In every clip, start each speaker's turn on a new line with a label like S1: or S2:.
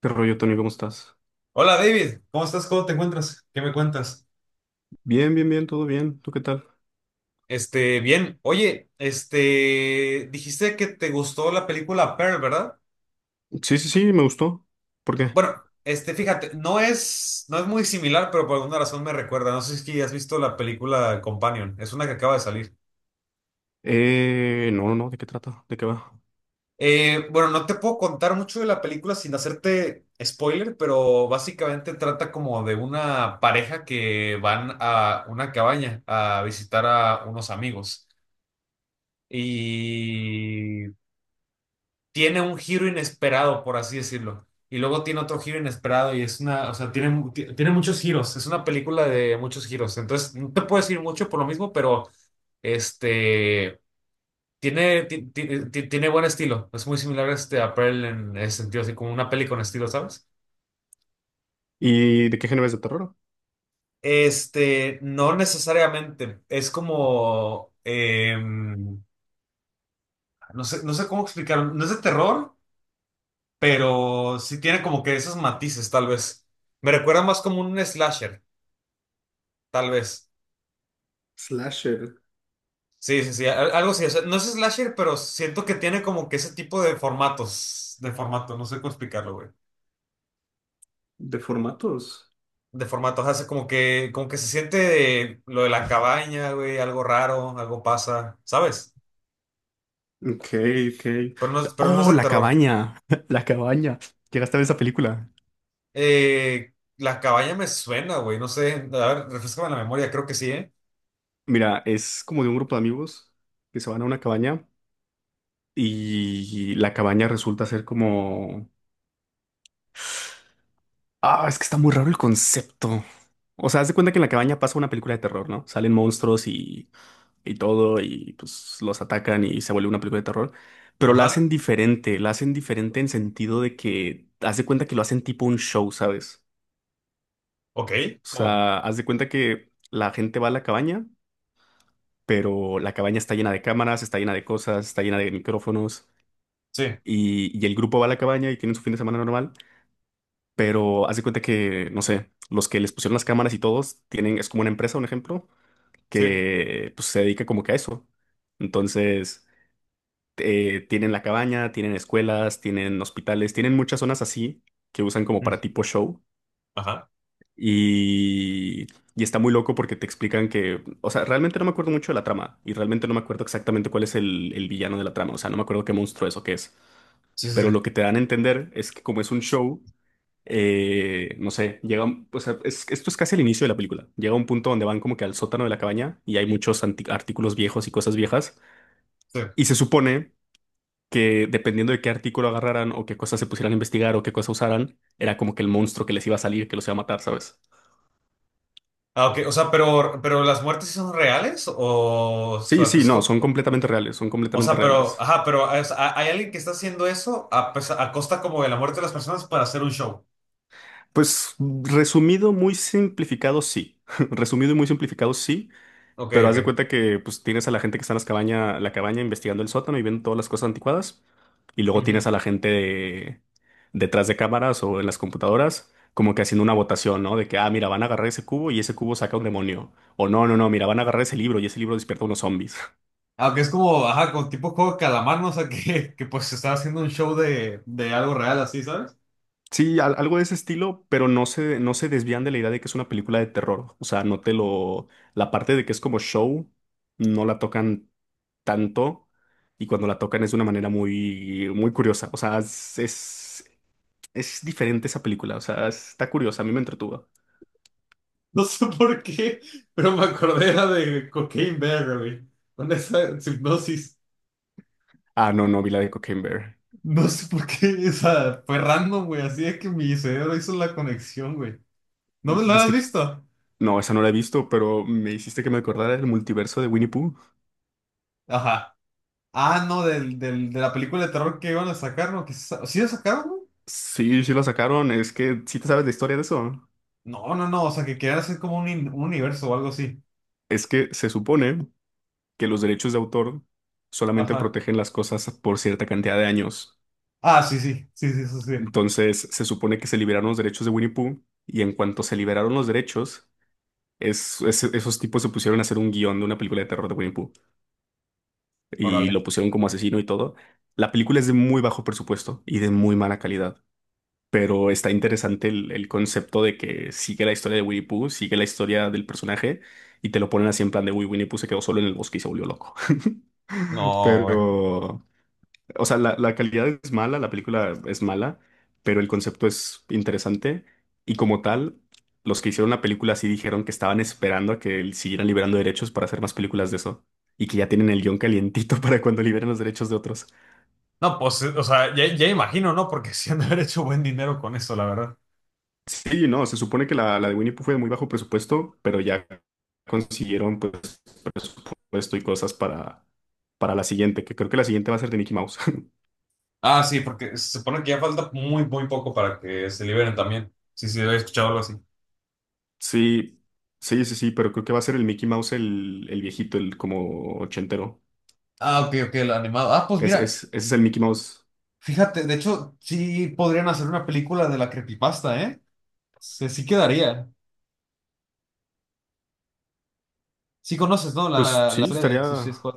S1: ¿Qué rollo, Tony? ¿Cómo estás?
S2: Hola David, ¿cómo estás? ¿Cómo te encuentras? ¿Qué me cuentas?
S1: Bien, bien, bien, todo bien. ¿Tú qué tal?
S2: Bien. Oye, dijiste que te gustó la película Pearl, ¿verdad?
S1: Sí, sí, sí, me gustó. ¿Por qué?
S2: Bueno, fíjate, no es muy similar, pero por alguna razón me recuerda. No sé si es que has visto la película Companion, es una que acaba de salir.
S1: No, no, no, ¿de qué trata? ¿De qué va?
S2: Bueno, no te puedo contar mucho de la película sin hacerte spoiler, pero básicamente trata como de una pareja que van a una cabaña a visitar a unos amigos. Y tiene un giro inesperado, por así decirlo. Y luego tiene otro giro inesperado y es una, o sea, tiene muchos giros. Es una película de muchos giros. Entonces, no te puedo decir mucho por lo mismo, pero este, tiene, ti- ti- ti- tiene buen estilo. Es muy similar a Pearl en ese sentido, así como una peli con estilo, ¿sabes?
S1: ¿Y de qué género es de terror?
S2: No necesariamente. Es como, no sé cómo explicarlo. No es de terror, pero sí tiene como que esos matices, tal vez. Me recuerda más como un slasher, tal vez.
S1: Slasher
S2: Sí, sí, sí, algo así. O sea, no es slasher, pero siento que tiene como que ese tipo de formatos, de formato, no sé cómo explicarlo, güey.
S1: de formatos.
S2: De formato, hace como que se siente de lo de la cabaña, güey, algo raro, algo pasa, ¿sabes?
S1: Ok, ok.
S2: Pero no, pero no es
S1: Oh,
S2: de
S1: La
S2: terror.
S1: Cabaña. La Cabaña. Llegaste a ver esa película.
S2: Eh, la cabaña me suena, güey, no sé. A ver, refrescame la memoria, creo que sí, ¿eh?
S1: Mira, es como de un grupo de amigos que se van a una cabaña y la cabaña resulta ser como. Ah, es que está muy raro el concepto. O sea, haz de cuenta que en la cabaña pasa una película de terror, ¿no? Salen monstruos y todo, y pues los atacan y se vuelve una película de terror, pero
S2: Ajá.
S1: la hacen diferente en sentido de que haz de cuenta que lo hacen tipo un show, ¿sabes?
S2: Ok,
S1: O
S2: ¿cómo?
S1: sea, haz de cuenta que la gente va a la cabaña, pero la cabaña está llena de cámaras, está llena de cosas, está llena de micrófonos,
S2: Sí,
S1: y el grupo va a la cabaña y tienen su fin de semana normal, pero haz de cuenta que, no sé, los que les pusieron las cámaras y todos tienen, es como una empresa, un ejemplo,
S2: sí.
S1: que pues se dedica como que a eso. Entonces, tienen la cabaña, tienen escuelas, tienen hospitales, tienen muchas zonas así que usan como
S2: Mm,
S1: para tipo show.
S2: ajá.
S1: Y, y está muy loco porque te explican que, o sea, realmente no me acuerdo mucho de la trama y realmente no me acuerdo exactamente cuál es el villano de la trama, o sea, no me acuerdo qué monstruo es o qué es.
S2: Sí, sí,
S1: Pero
S2: sí.
S1: lo que te dan a entender es que como es un show, no sé, llega, o sea, esto es casi el inicio de la película. Llega un punto donde van como que al sótano de la cabaña y hay muchos artículos viejos y cosas viejas.
S2: Sí.
S1: Y se supone que dependiendo de qué artículo agarraran o qué cosas se pusieran a investigar o qué cosas usaran, era como que el monstruo que les iba a salir, que los iba a matar, ¿sabes?
S2: Ah, ok, o sea, pero las muertes sí son reales o
S1: Sí,
S2: sea, que
S1: sí,
S2: es
S1: no, son completamente reales, son
S2: o
S1: completamente
S2: sea, pero,
S1: reales.
S2: ajá, pero o sea, hay alguien que está haciendo eso a costa como de la muerte de las personas para hacer un show.
S1: Pues resumido, muy simplificado, sí. Resumido y muy simplificado, sí.
S2: Ok,
S1: Pero haz de
S2: ok.
S1: cuenta que pues tienes a la gente que está en la cabaña investigando el sótano y viendo todas las cosas anticuadas. Y luego
S2: Ujú.
S1: tienes a la gente detrás de cámaras o en las computadoras, como que haciendo una votación, ¿no? De que, ah, mira, van a agarrar ese cubo y ese cubo saca un demonio. O no, no, no, mira, van a agarrar ese libro y ese libro despierta unos zombies.
S2: Aunque es como, ajá, con tipo juego de calamar, ¿no? O sea, que pues se estaba haciendo un show de algo real así, ¿sabes?
S1: Sí, algo de ese estilo, pero no se desvían de la idea de que es una película de terror. O sea, no te lo. La parte de que es como show, no la tocan tanto y cuando la tocan es de una manera muy, muy curiosa. O sea, es diferente esa película. O sea, está curiosa, a mí me entretuvo.
S2: No sé por qué, pero me acordé era de Cocaine Bear, güey. Con esa hipnosis.
S1: Ah, no, no, vi la de Cocaine Bear.
S2: No sé por qué, esa fue random, güey. Así es que mi cerebro hizo la conexión, güey. ¿No, no la has
S1: ¿Viste que-
S2: visto?
S1: No, esa no la he visto, pero me hiciste que me acordara del multiverso de Winnie Pooh.
S2: Ajá. Ah, no, de la película de terror que iban a sacar, ¿no? ¿Sí la sacaron, no?
S1: Sí, sí la sacaron. Es que sí te sabes la historia de eso.
S2: No, no, no, o sea, que querían hacer como un universo o algo así.
S1: Es que se supone que los derechos de autor solamente
S2: Ajá.
S1: protegen las cosas por cierta cantidad de años.
S2: Ah, sí, sí, sí, sí, sí, sí.
S1: Entonces, se supone que se liberaron los derechos de Winnie Pooh y en cuanto se liberaron los derechos, esos tipos se pusieron a hacer un guión de una película de terror de Winnie Pooh y
S2: Órale.
S1: lo pusieron como asesino y todo. La película es de muy bajo presupuesto y de muy mala calidad, pero está interesante el concepto de que sigue la historia de Winnie Pooh, sigue la historia del personaje y te lo ponen así en plan de, uy, Winnie Pooh se quedó solo en el bosque y se volvió loco.
S2: No, güey.
S1: Pero O sea, la, calidad es mala, la película es mala, pero el concepto es interesante. Y como tal, los que hicieron la película sí dijeron que estaban esperando a que siguieran liberando derechos para hacer más películas de eso. Y que ya tienen el guión calientito para cuando liberen los derechos de otros.
S2: No, pues, o sea, ya imagino, ¿no? Porque sí han de haber hecho buen dinero con eso, la verdad.
S1: Sí, no, se supone que la de Winnie Pooh fue de muy bajo presupuesto, pero ya consiguieron pues presupuesto y cosas para la siguiente, que creo que la siguiente va a ser de Mickey Mouse.
S2: Ah, sí, porque se supone que ya falta muy, muy poco para que se liberen también. Sí, sí, había escuchado algo así.
S1: Sí, sí, sí, sí, pero creo que va a ser el Mickey Mouse el viejito, el como ochentero.
S2: Ah, ok, ok, el animado. Ah, pues
S1: Es,
S2: mira,
S1: es, ese es el Mickey Mouse.
S2: fíjate, de hecho, sí podrían hacer una película de la creepypasta, ¿eh? Sí quedaría. Sí conoces, ¿no?
S1: Pues
S2: La
S1: sí,
S2: historia
S1: estaría
S2: de Suicide
S1: la
S2: Squad.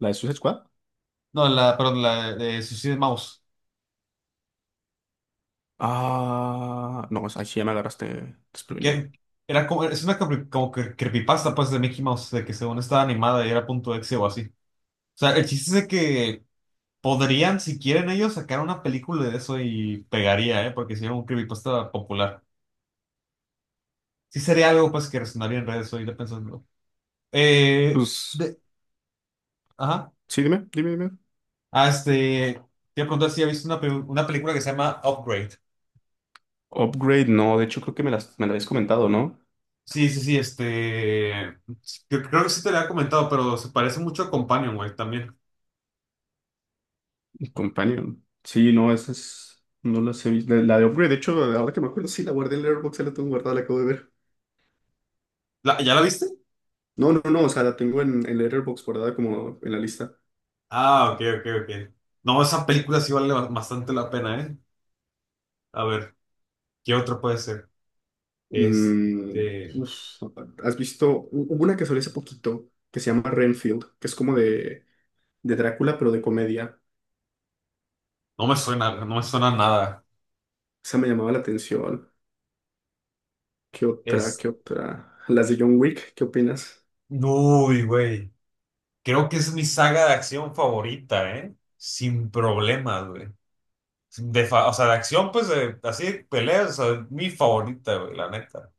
S1: de Suicide Squad.
S2: No, la, perdón, la de Suicide Mouse.
S1: Ah, no, ahí sí ya me agarraste desprevenido.
S2: Que era como, es una como que creepypasta, pues, de Mickey Mouse, de que según estaba animada y era .exe o así. O sea, el chiste es de que podrían, si quieren ellos, sacar una película de eso y pegaría, ¿eh? Porque si era un creepypasta popular. Sí sería algo, pues, que resonaría en redes ahorita pensando. Eh,
S1: Pues
S2: de, ajá.
S1: sí, dime, dime, dime.
S2: Ah, te voy a preguntar si has visto una película que se llama Upgrade.
S1: Upgrade, no, de hecho creo que me la habías comentado, ¿no?
S2: Sí, sí, sí. Creo que sí te lo había comentado, pero se parece mucho a Companion, güey, también.
S1: Companion. Sí, no, no las he visto. La de Upgrade, de hecho, ahora que me acuerdo, sí, la guardé en Letterboxd, ya la tengo guardada, la acabo de ver.
S2: ¿Ya la viste?
S1: No, no, no, o sea, la tengo en, Letterboxd guardada como en la lista.
S2: Ah, ok, ok, ok. No, esa película sí vale bastante la pena, ¿eh? A ver, ¿qué otra puede ser?
S1: Mm,
S2: Este.
S1: uf, ¿has visto? Hubo una que salió hace poquito que se llama Renfield, que es como de Drácula, pero de comedia.
S2: No me suena, no me suena nada.
S1: Esa me llamaba la atención. ¿Qué otra?
S2: Es.
S1: ¿Qué otra? Las de John Wick, ¿qué opinas?
S2: Uy, güey. Creo que es mi saga de acción favorita, ¿eh? Sin problemas, güey. O sea, de acción, pues, así, de peleas, o sea, mi favorita, güey, la neta.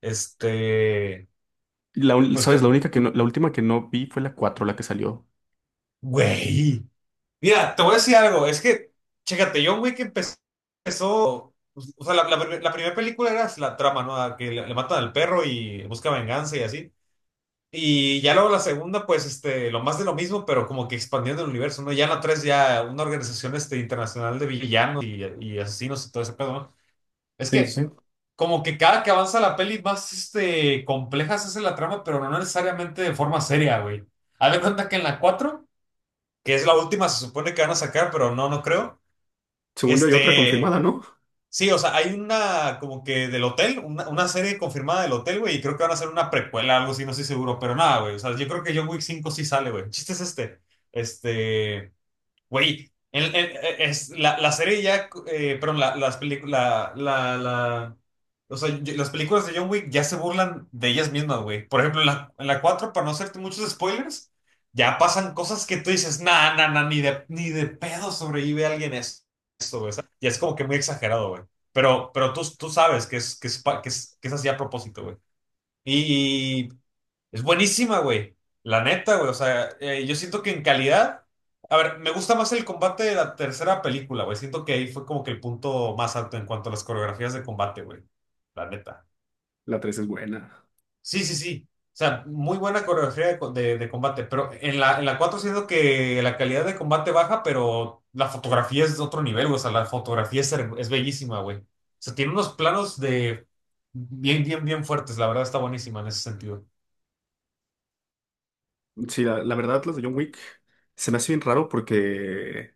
S2: Este.
S1: Y
S2: Pues
S1: ¿sabes?
S2: que
S1: La única que no- la última que no vi fue la 4 la que salió.
S2: Güey, mira, te voy a decir algo, es que, chécate, John Wick empezó, pues, o sea, la primera película era la trama, ¿no? A que le matan al perro y busca venganza y así. Y ya luego la segunda, pues, lo más de lo mismo, pero como que expandiendo el universo, ¿no? Ya en la tres, ya una organización, internacional de villanos y asesinos y todo ese pedo, ¿no? Es
S1: Sí,
S2: que
S1: sí.
S2: como que cada que avanza la peli, más, compleja se hace la trama, pero no necesariamente de forma seria, güey. Haz de cuenta que en la cuatro que es la última, se supone que van a sacar, pero no, no creo.
S1: Según yo hay otra
S2: Este,
S1: confirmada, ¿no?
S2: sí, o sea, hay una como que del hotel, una serie confirmada del hotel, güey, y creo que van a hacer una precuela, algo así, no estoy seguro, pero nada, güey, o sea, yo creo que John Wick 5 sí sale, güey. El chiste es este, Güey, la serie ya, perdón, la, las películas, o sea, las películas de John Wick ya se burlan de ellas mismas, güey. Por ejemplo, en la, 4 para no hacerte muchos spoilers, ya pasan cosas que tú dices, nah, nah, nah, ni de pedo sobrevive alguien eso. Y es como que muy exagerado, güey. Pero tú sabes que es así a propósito, güey. Y, es buenísima, güey. La neta, güey. O sea, yo siento que en calidad. A ver, me gusta más el combate de la tercera película, güey. Siento que ahí fue como que el punto más alto en cuanto a las coreografías de combate, güey. La neta.
S1: La 3 es buena.
S2: Sí, sí, sí. O sea, muy buena coreografía de combate. Pero en la 4 siento que la calidad de combate baja, pero la fotografía es de otro nivel, güey. O sea, la fotografía es bellísima, güey. O sea, tiene unos planos de bien, bien, bien fuertes. La verdad está buenísima en ese sentido.
S1: Sí, la verdad, las de John Wick se me hace bien raro porque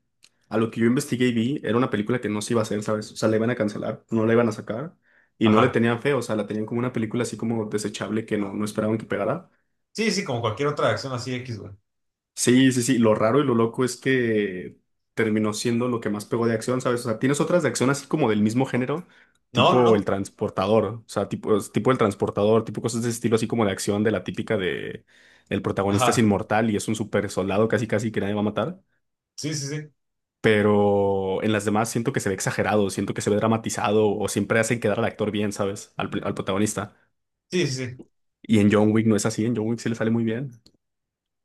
S1: a lo que yo investigué y vi, era una película que no se iba a hacer, ¿sabes? O sea, la iban a cancelar, no la iban a sacar y no le
S2: Ajá.
S1: tenían fe, o sea, la tenían como una película así como desechable que no esperaban que pegara.
S2: Sí, sí, como cualquier otra acción así X, güey.
S1: Sí, sí, sí. Lo raro y lo loco es que terminó siendo lo que más pegó de acción, ¿sabes? O sea, tienes otras de acción así como del mismo género,
S2: No, no,
S1: tipo El
S2: no.
S1: Transportador, o sea, tipo, tipo El Transportador, tipo cosas de ese estilo así como de acción de la típica de el protagonista es
S2: Ajá.
S1: inmortal y es un super soldado casi casi que nadie va a matar.
S2: Sí, sí, sí.
S1: Pero en las demás siento que se ve exagerado, siento que se ve dramatizado o siempre hacen quedar al actor bien, ¿sabes? Al protagonista.
S2: Sí, sí, sí.
S1: Y en John Wick no es así, en John Wick sí le sale muy bien.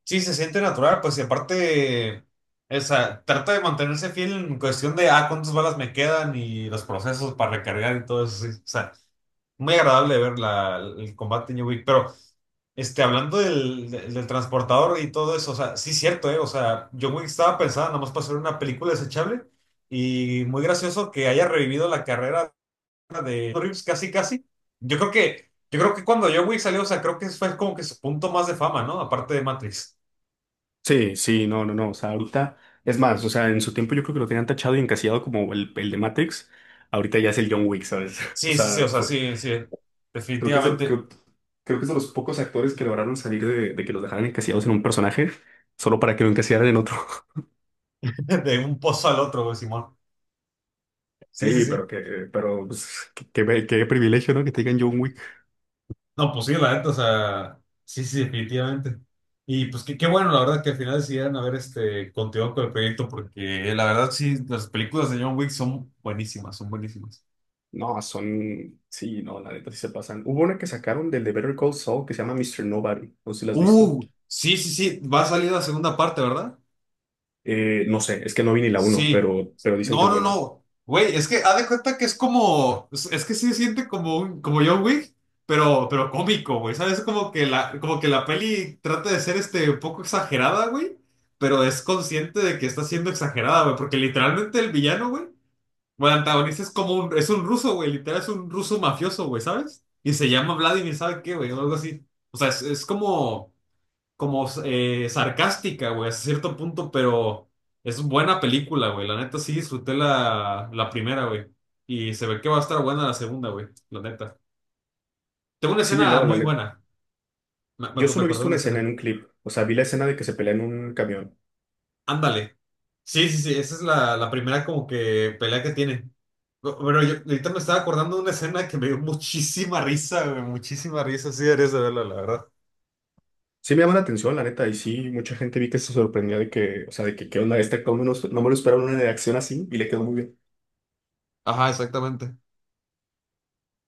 S2: Sí, se siente natural, pues, y aparte, o sea, trata de mantenerse fiel en cuestión de cuántas balas me quedan y los procesos para recargar y todo eso, sí. O sea, muy agradable ver la, el combate en New Week, pero... hablando del transportador y todo eso, o sea, sí es cierto, ¿eh? O sea, John Wick estaba pensada nada más para hacer una película desechable y muy gracioso que haya revivido la carrera de Reeves, casi, casi. Yo creo que cuando John Wick salió, o sea, creo que fue como que su punto más de fama, ¿no? Aparte de Matrix.
S1: Sí, sí, no, no, no. O sea, ahorita, es más, o sea, en su tiempo yo creo que lo tenían tachado y encasillado como el de Matrix. Ahorita ya es el John Wick, ¿sabes? O
S2: Sí, sí, sí, o
S1: sea,
S2: sea,
S1: fue,
S2: sí, sí.
S1: creo que es,
S2: Definitivamente,
S1: creo, creo que es de los pocos actores que lograron salir de, que los dejaran encasillados en un personaje solo para que lo encasillaran en otro.
S2: de un pozo al otro, güey, Simón. Sí, sí,
S1: Sí,
S2: sí.
S1: pero que, pero pues, qué privilegio, ¿no? Que te digan John Wick.
S2: No, pues sí, la neta, o sea, sí, sí, definitivamente. Y pues qué bueno, la verdad, que al final decidieron haber continuado con el proyecto, porque la verdad, sí, las películas de John Wick son buenísimas, son buenísimas.
S1: No, son, sí, no, la neta sí se pasan. Hubo una que sacaron del de Better Call Saul que se llama Mr. Nobody, no sé si la has visto.
S2: Sí, sí, sí, va a salir la segunda parte, ¿verdad?
S1: No sé, es que no vi ni la uno,
S2: Sí.
S1: pero dicen que
S2: No,
S1: es
S2: no,
S1: buena.
S2: no. Güey, es que haz de cuenta que es como. Es que sí se siente como un, como John Wick, pero cómico, güey. ¿Sabes? Como que la peli trata de ser un poco exagerada, güey. Pero es consciente de que está siendo exagerada, güey. Porque literalmente el villano, güey. O el antagonista es como un, es un ruso, güey. Literal es un ruso mafioso, güey, ¿sabes? Y se llama Vladimir, ¿sabe qué, güey? O algo así. O sea, es como sarcástica, güey, hasta cierto punto, pero es buena película, güey. La neta sí disfruté la primera, güey. Y se ve que va a estar buena la segunda, güey. La neta. Tengo una
S1: Sí,
S2: escena
S1: no, la
S2: muy
S1: neta.
S2: buena. Me, me,
S1: Yo
S2: ac- me
S1: solo he
S2: acordé de
S1: visto
S2: una
S1: una escena en
S2: escena.
S1: un clip, o sea, vi la escena de que se pelea en un camión.
S2: Ándale. Sí, sí, sí. Esa es la primera como que pelea que tiene. Pero yo ahorita me estaba acordando de una escena que me dio muchísima risa, güey. Muchísima risa. Sí, deberías de verla, la verdad.
S1: Sí me llama la atención, la neta, y sí, mucha gente vi que se sorprendía de que, o sea, de que qué onda esta, cómo no, no me lo esperaron una reacción así y le quedó muy bien.
S2: Ajá, exactamente.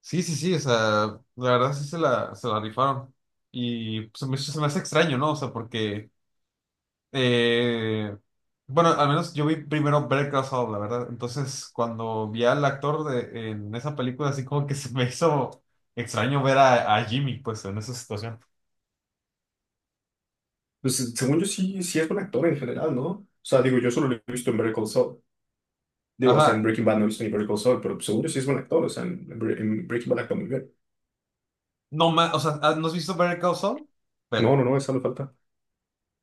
S2: Sí, sí, sí, o sea, la verdad sí se la rifaron. Y pues, se me hace extraño, ¿no? O sea, porque, eh, bueno, al menos yo vi primero Better Call Saul, la verdad. Entonces, cuando vi al actor de, en esa película, así como que se me hizo extraño ver a Jimmy, pues, en esa situación.
S1: Pues según yo sí, sí es buen actor en general, ¿no? O sea, digo, yo solo lo he visto en Better Call Saul. Digo, o sea, en
S2: Ajá,
S1: Breaking Bad no he visto ni Better Call Saul, pero seguro sí es buen actor, o sea, en, en Breaking Bad actúa muy bien.
S2: no más, o sea, ¿no has visto Better Call Saul?
S1: No,
S2: Vela.
S1: no, no, esa me falta.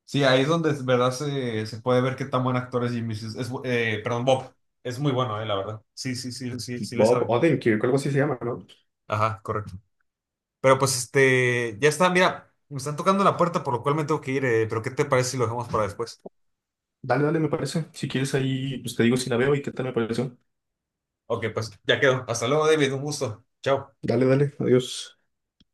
S2: Sí, ahí es donde, de verdad, se puede ver qué tan buen actor es Jimmy. Perdón, Bob. Es muy bueno, la verdad. Sí, sí, sí, sí, sí le
S1: Bob
S2: sabe.
S1: Odenkirk, algo así se llama, ¿no?
S2: Ajá, correcto. Pero pues ya está, mira, me están tocando la puerta, por lo cual me tengo que ir, pero ¿qué te parece si lo dejamos para después?
S1: Dale, dale, me parece. Si quieres ahí, pues te digo si la veo y qué tal me pareció.
S2: Ok, pues ya quedó. Hasta luego, David, un gusto. Chao.
S1: Dale, dale, adiós.